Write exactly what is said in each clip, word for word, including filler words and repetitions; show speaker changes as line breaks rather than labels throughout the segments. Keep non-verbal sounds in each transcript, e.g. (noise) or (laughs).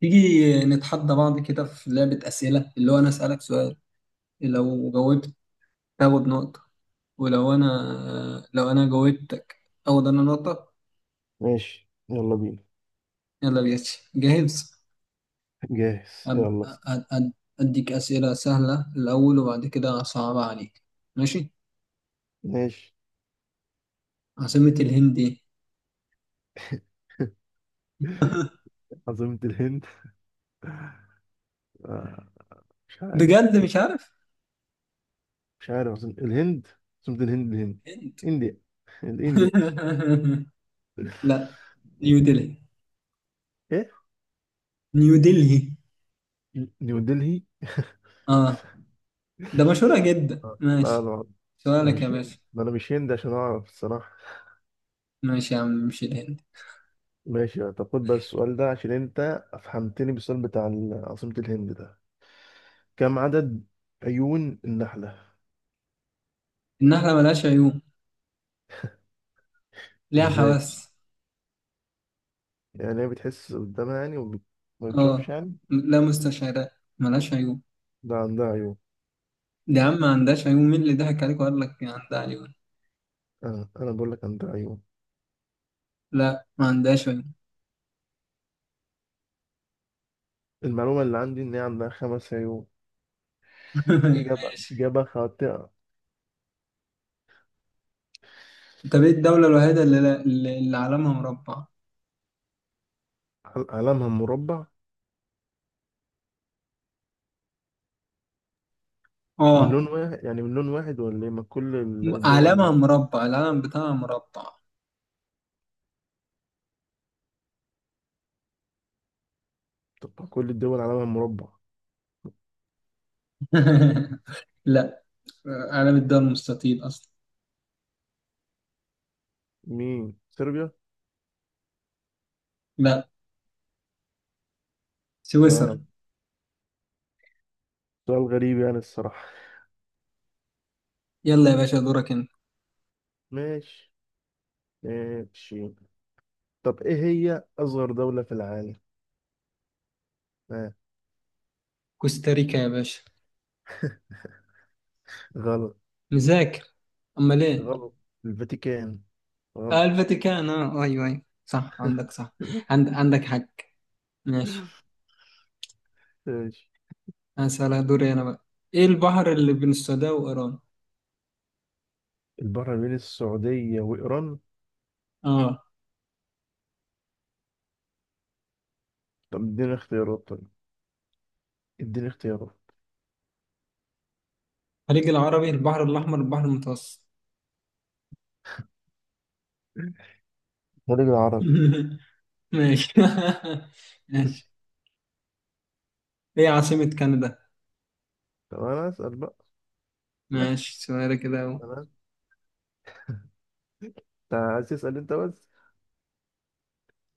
تيجي نتحدى بعض كده في لعبة أسئلة اللي هو أنا أسألك سؤال لو جاوبت تاخد نقطة. ولو أنا لو أنا جاوبتك أخد أنا نقطة.
ماشي، يلا بينا.
يلا بينا، جاهز؟
جاهز
أب...
يلا.
أ- أ- أديك أسئلة سهلة الأول وبعد كده صعبة عليك. ماشي،
ماشي.
عاصمة الهند إيه؟ (laughs)
عاصمة الهند آه، مش عارف.
بجد مش عارف.
مش عارف عاصمة الهند. عاصمة الهند الهند.
هند؟
انديا. (laughs) الانديا.
(laughs) لا، نيو دلهي.
ايه
نيو دلهي،
نيو دلهي.
اه، ده مشهورة جدا.
آه، لا
ماشي،
لا. أنا
سؤالك يا
مش هند،
باشا.
ما انا مش هند عشان اعرف الصراحة.
ماشي يا عم، مش الهند.
ماشي، طب خد بقى السؤال ده عشان انت افهمتني بالسؤال بتاع ال- عاصمة الهند ده. كم عدد عيون النحلة؟
النحلة ملهاش عيون، ليها
ازاي ده؟
حواس.
يعني هي بتحس قدامها يعني وما بتشوفش
اه،
يعني.
م- لا، مستشعرات، ملهاش عيون.
ده عندها عيون.
دي يا عم ما عندهاش عيون، مين اللي ضحك عليك وقال لك عندها عيون؟
انا انا بقول لك عندها عيون.
لا، ما عندهاش عيون.
المعلومه اللي عندي ان هي عندها خمس عيون.
(laughs)
اجابه
ماشي،
اجابه خاطئه.
طب ايه الدولة الوحيدة اللي, لا- اللي, اللي علمها مربع؟
عل- علمها مربع من لون
اه،
واحد يعني؟ من لون واحد ولا ايه؟ ما كل
م- علمها
الدول
مربع، العلم بتاعها مربع.
تبقى كل الدول علمها مربع.
(laughs) لا، علم الدول مستطيل اصلا.
مين؟ صربيا؟
لا،
لا
سويسرا.
لا. سؤال غريب يعني الصراحه.
يلا يا باشا دورك انت.
ماشي ماشي. طب ايه هي اصغر دوله في العالم؟ آه.
كوستاريكا يا باشا.
غلط.
مذاكر، امال ايه؟
غلط. الفاتيكان.
آه
غلط.
الفاتيكان، اه ايوه ايوه، صح، عندك صح،
(laughs)
عند... عندك حق. ماشي،
ماشي.
هسألها دوري انا بقى. ايه البحر اللي بين السوداء وايران؟
البحر بين السعوديه وايران؟
اه،
طب اديني اختيارات طيب، اديني اختيارات.
الخليج العربي، البحر الاحمر، البحر المتوسط.
الخليج العربي.
(laughs) ماشي. (laughs) ماشي، ايه عاصمة كندا؟
طب انا اسال بقى. أنا اسال
ماشي سؤال كده اهو.
انا. انت عايز تسال انت بس.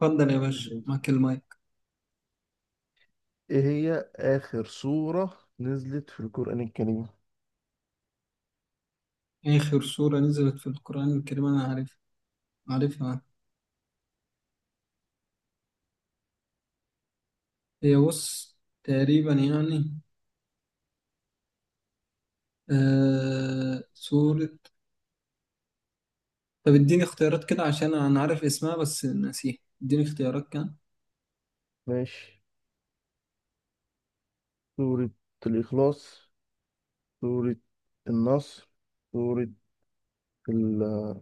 اتفضل يا باشا
ماشي.
معاك المايك.
ايه هي اخر سوره نزلت في القران الكريم؟
اخر سورة نزلت في القرآن الكريم، انا عارف، عارفها. هي بص، تقريبا يعني، آه سورة. طب اديني اختيارات كده عشان انا عارف اسمها بس ناسيها، اديني اختيارات كده.
ماشي. سوره الاخلاص، سوره النصر، سوره ال-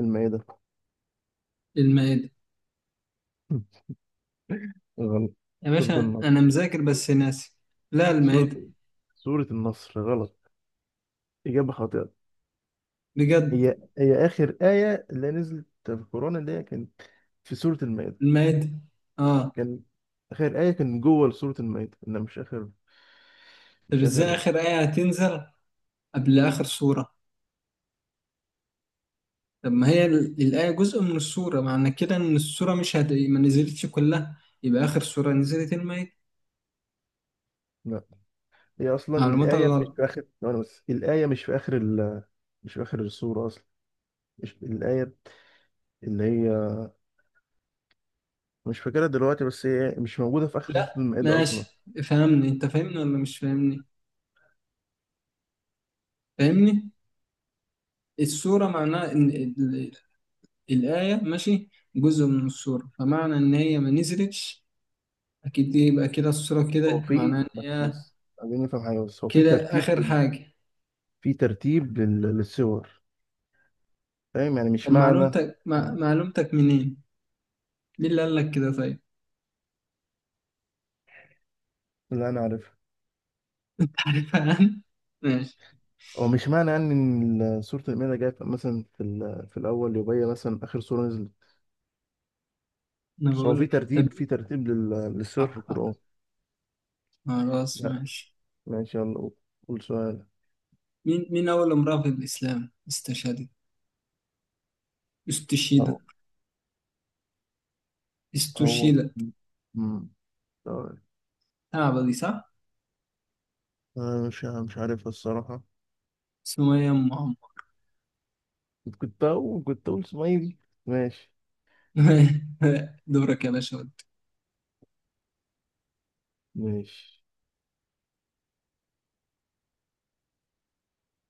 المائده. (laughs)
المائدة.
غلط.
يا
سوره
باشا
النصر.
انا مذاكر بس ناسي. لا،
سوره
المائدة.
سوره النصر. غلط. اجابه خاطئه.
بجد؟
هي هي اخر ايه اللي نزلت في القران اللي هي كانت في سوره المائده.
المائدة، اه.
كان اخر ايه كان جوه سوره المائده، انها مش اخر،
طب
مش
ازاي
اخر.
اخر آية هتنزل قبل اخر سورة؟ طب ما هي ال- الآية جزء من السورة، معنى كده ان السورة مش هت... ما نزلتش كلها، يبقى اخر سورة نزلت المائدة.
لا، هي اصلا
معلوماتك
الآية مش
غلط.
في آخر ثواني، بس الآية مش في آخر ال... مش في آخر السورة اصلا. مش الآية اللي هي مش فاكرها دلوقتي، بس هي مش موجودة في آخر سورة
لا
المائدة اصلا.
ماشي، فهمني انت، فاهمني ولا مش فاهمني؟ فاهمني، السورة معناها ان الآية، ماشي، جزء من السورة، فمعنى إن هي ما نزلتش أكيد دي، يبقى كده السورة
هو
كده معناها
في
إن
بس
هي
بس عايزين نفهم حاجة. بس هو في
كده
ترتيب،
آخر حاجة.
في ترتيب لل... للسور. فاهم يعني، مش
طب
معنى.
معلومتك مع... معلومتك منين؟ مين اللي قال لك كده طيب؟
اللي انا عارفها.
(laughs) عارفها أنا؟ ماشي،
هو مش معنى يعني ان ال- سورة المائدة جاية في- مثلا في ال... في الأول يبقى هي مثلا آخر سورة نزلت.
أنا
بس هو
بقول
في
لك طب
ترتيب،
مين؟
في ترتيب لل... للسور
آه،
في
آه،
القرآن.
خلاص
لا
ماشي.
ماشي. يلا قول، قول سؤال.
مين مين أول امرأة في الإسلام استشهدت، استشهدت،
هو
استشهدت.
مم. طيب.
صعبة دي صح؟
أنا مش مش عارفها الصراحة.
سمية أم عمرو.
كنت أقول كنت أقول اسماعيلي. ماشي
(laughs) دورك يا باشا ود.
ماشي.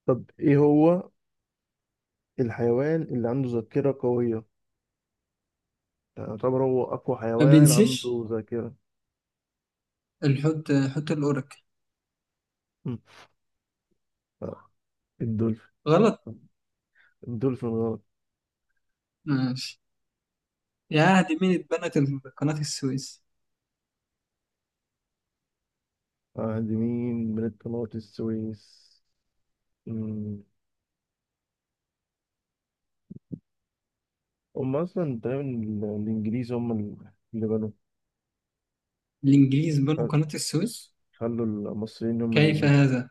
طب إيه هو الحيوان اللي عنده ذاكرة قوية؟ يعني يعتبر هو أقوى
ما
حيوان
بينسيش،
عنده ذاكرة.
الحوت، حوت الأورك.
مم. آه، الدولفين.
غلط.
الدولفين غلط.
ماشي يا عهد، مين اتبنت قناة السويس؟
عند مين من قناة السويس؟ مم. هم أصلا تقريبا ال- الإنجليز هم اللي بنوا.
الإنجليز بنوا
خل-
قناة السويس؟
خلوا المصريين هم اللي
كيف
يبنوا.
هذا؟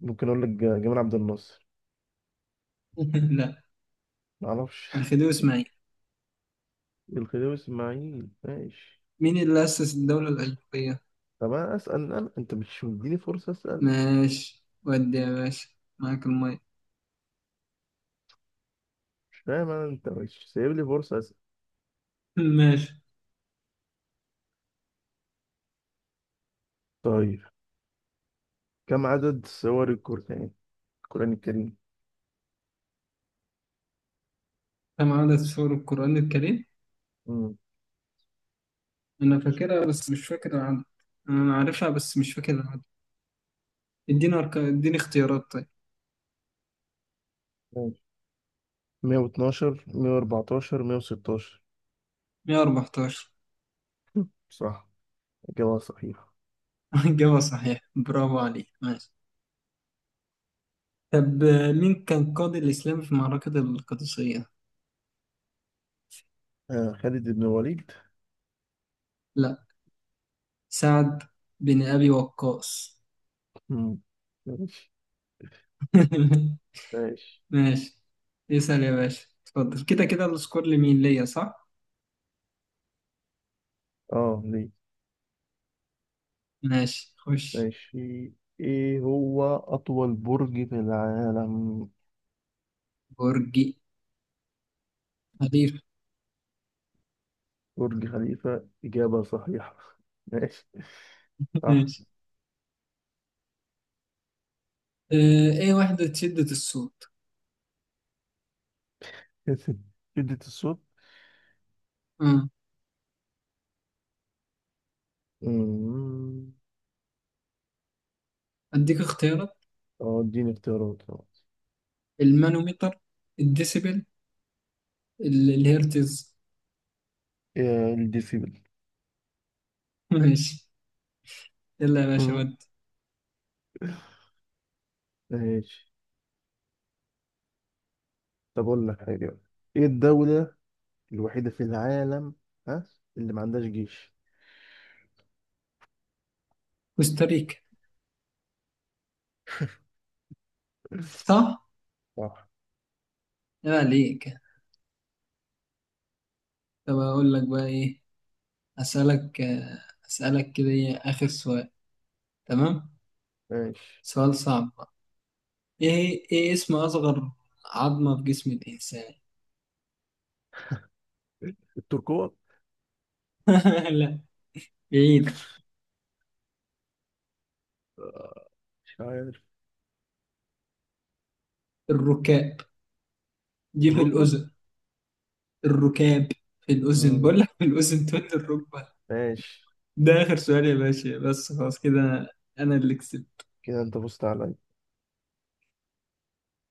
ممكن أقول لك جمال عبد الناصر؟
(laughs) لا،
معرفش.
الخديوي إسماعيل.
الخديوي اسماعيل. ماشي.
مين اللي أسس الدولة الألفية؟
طب انا اسال انا، انت مش مديني فرصه اسال.
ماشي ودي يا باشا، معاك المية.
مش فاهم انا، انت مش سايب لي فرصه اسال.
(laughs) ماشي،
طيب. كم عدد سور القران، القران الكريم؟
كم عدد سور القرآن الكريم؟
امم
أنا فاكرها بس مش فاكر العدد، أنا عارفها بس مش فاكر العدد. اديني أرك... اديني اختيارات طيب.
ماشي. مية واتناشر، مية واربعتاشر، مية وستاشر.
مية واربعتاشر.
صح. اجابه صحيحه.
إجابة صحيحة. (laughs) برافو عليك، ماشي. طب آه، مين كان قاضي الإسلام في معركة القادسية؟
آه خالد بن الوليد.
لا، سعد بن أبي وقاص.
امم ماشي
(laughs)
ماشي.
ماشي، اسأل يا باشا اتفضل، كده كده السكور لمين؟ ليا صح؟
اه ليه.
ماشي خش.
ماشي. ايه هو اطول برج في العالم؟
برج خليفة.
برج خليفه. اجابه صحيحه. (laughs) ماشي.
(laughs)
صح.
ماشي. اه، ايه وحدة شدة الصوت؟
(laughs) شدة الصوت.
اه
مم.
اديك اختيارات،
اه اديني اختيارات خلاص.
المانوميتر، الديسيبل، ال- الهرتز.
آه، إيه؟ الديسيبل.
(laughs) ماشي، يلا يا باشا
مم.
ودي.
ماشي. طب أقول لك حاجة بقى. إيه الدولة الوحيدة في العالم، ها، اللي ما عندهاش جيش؟
كوستاريكا، صح؟
صح.
يا عليك. طب اقول لك بقى ايه، اسألك آه، اسألك كده إيه آخر سؤال، تمام؟
ماشي.
سؤال صعب، ايه ايه اسم اصغر عظمة في جسم الانسان؟
التركوة.
(laughs) لا، بعيد.
مش عارف.
الركاب، دي في
الركبة.
الاذن. الركاب، في الاذن
مم.
بقول لك، في الاذن تقول لي الركبة.
ماشي.
ده اخر سؤال يا باشا بس، خلاص كده انا، أنا اللي كسبت.
كده أنت فزت عليا.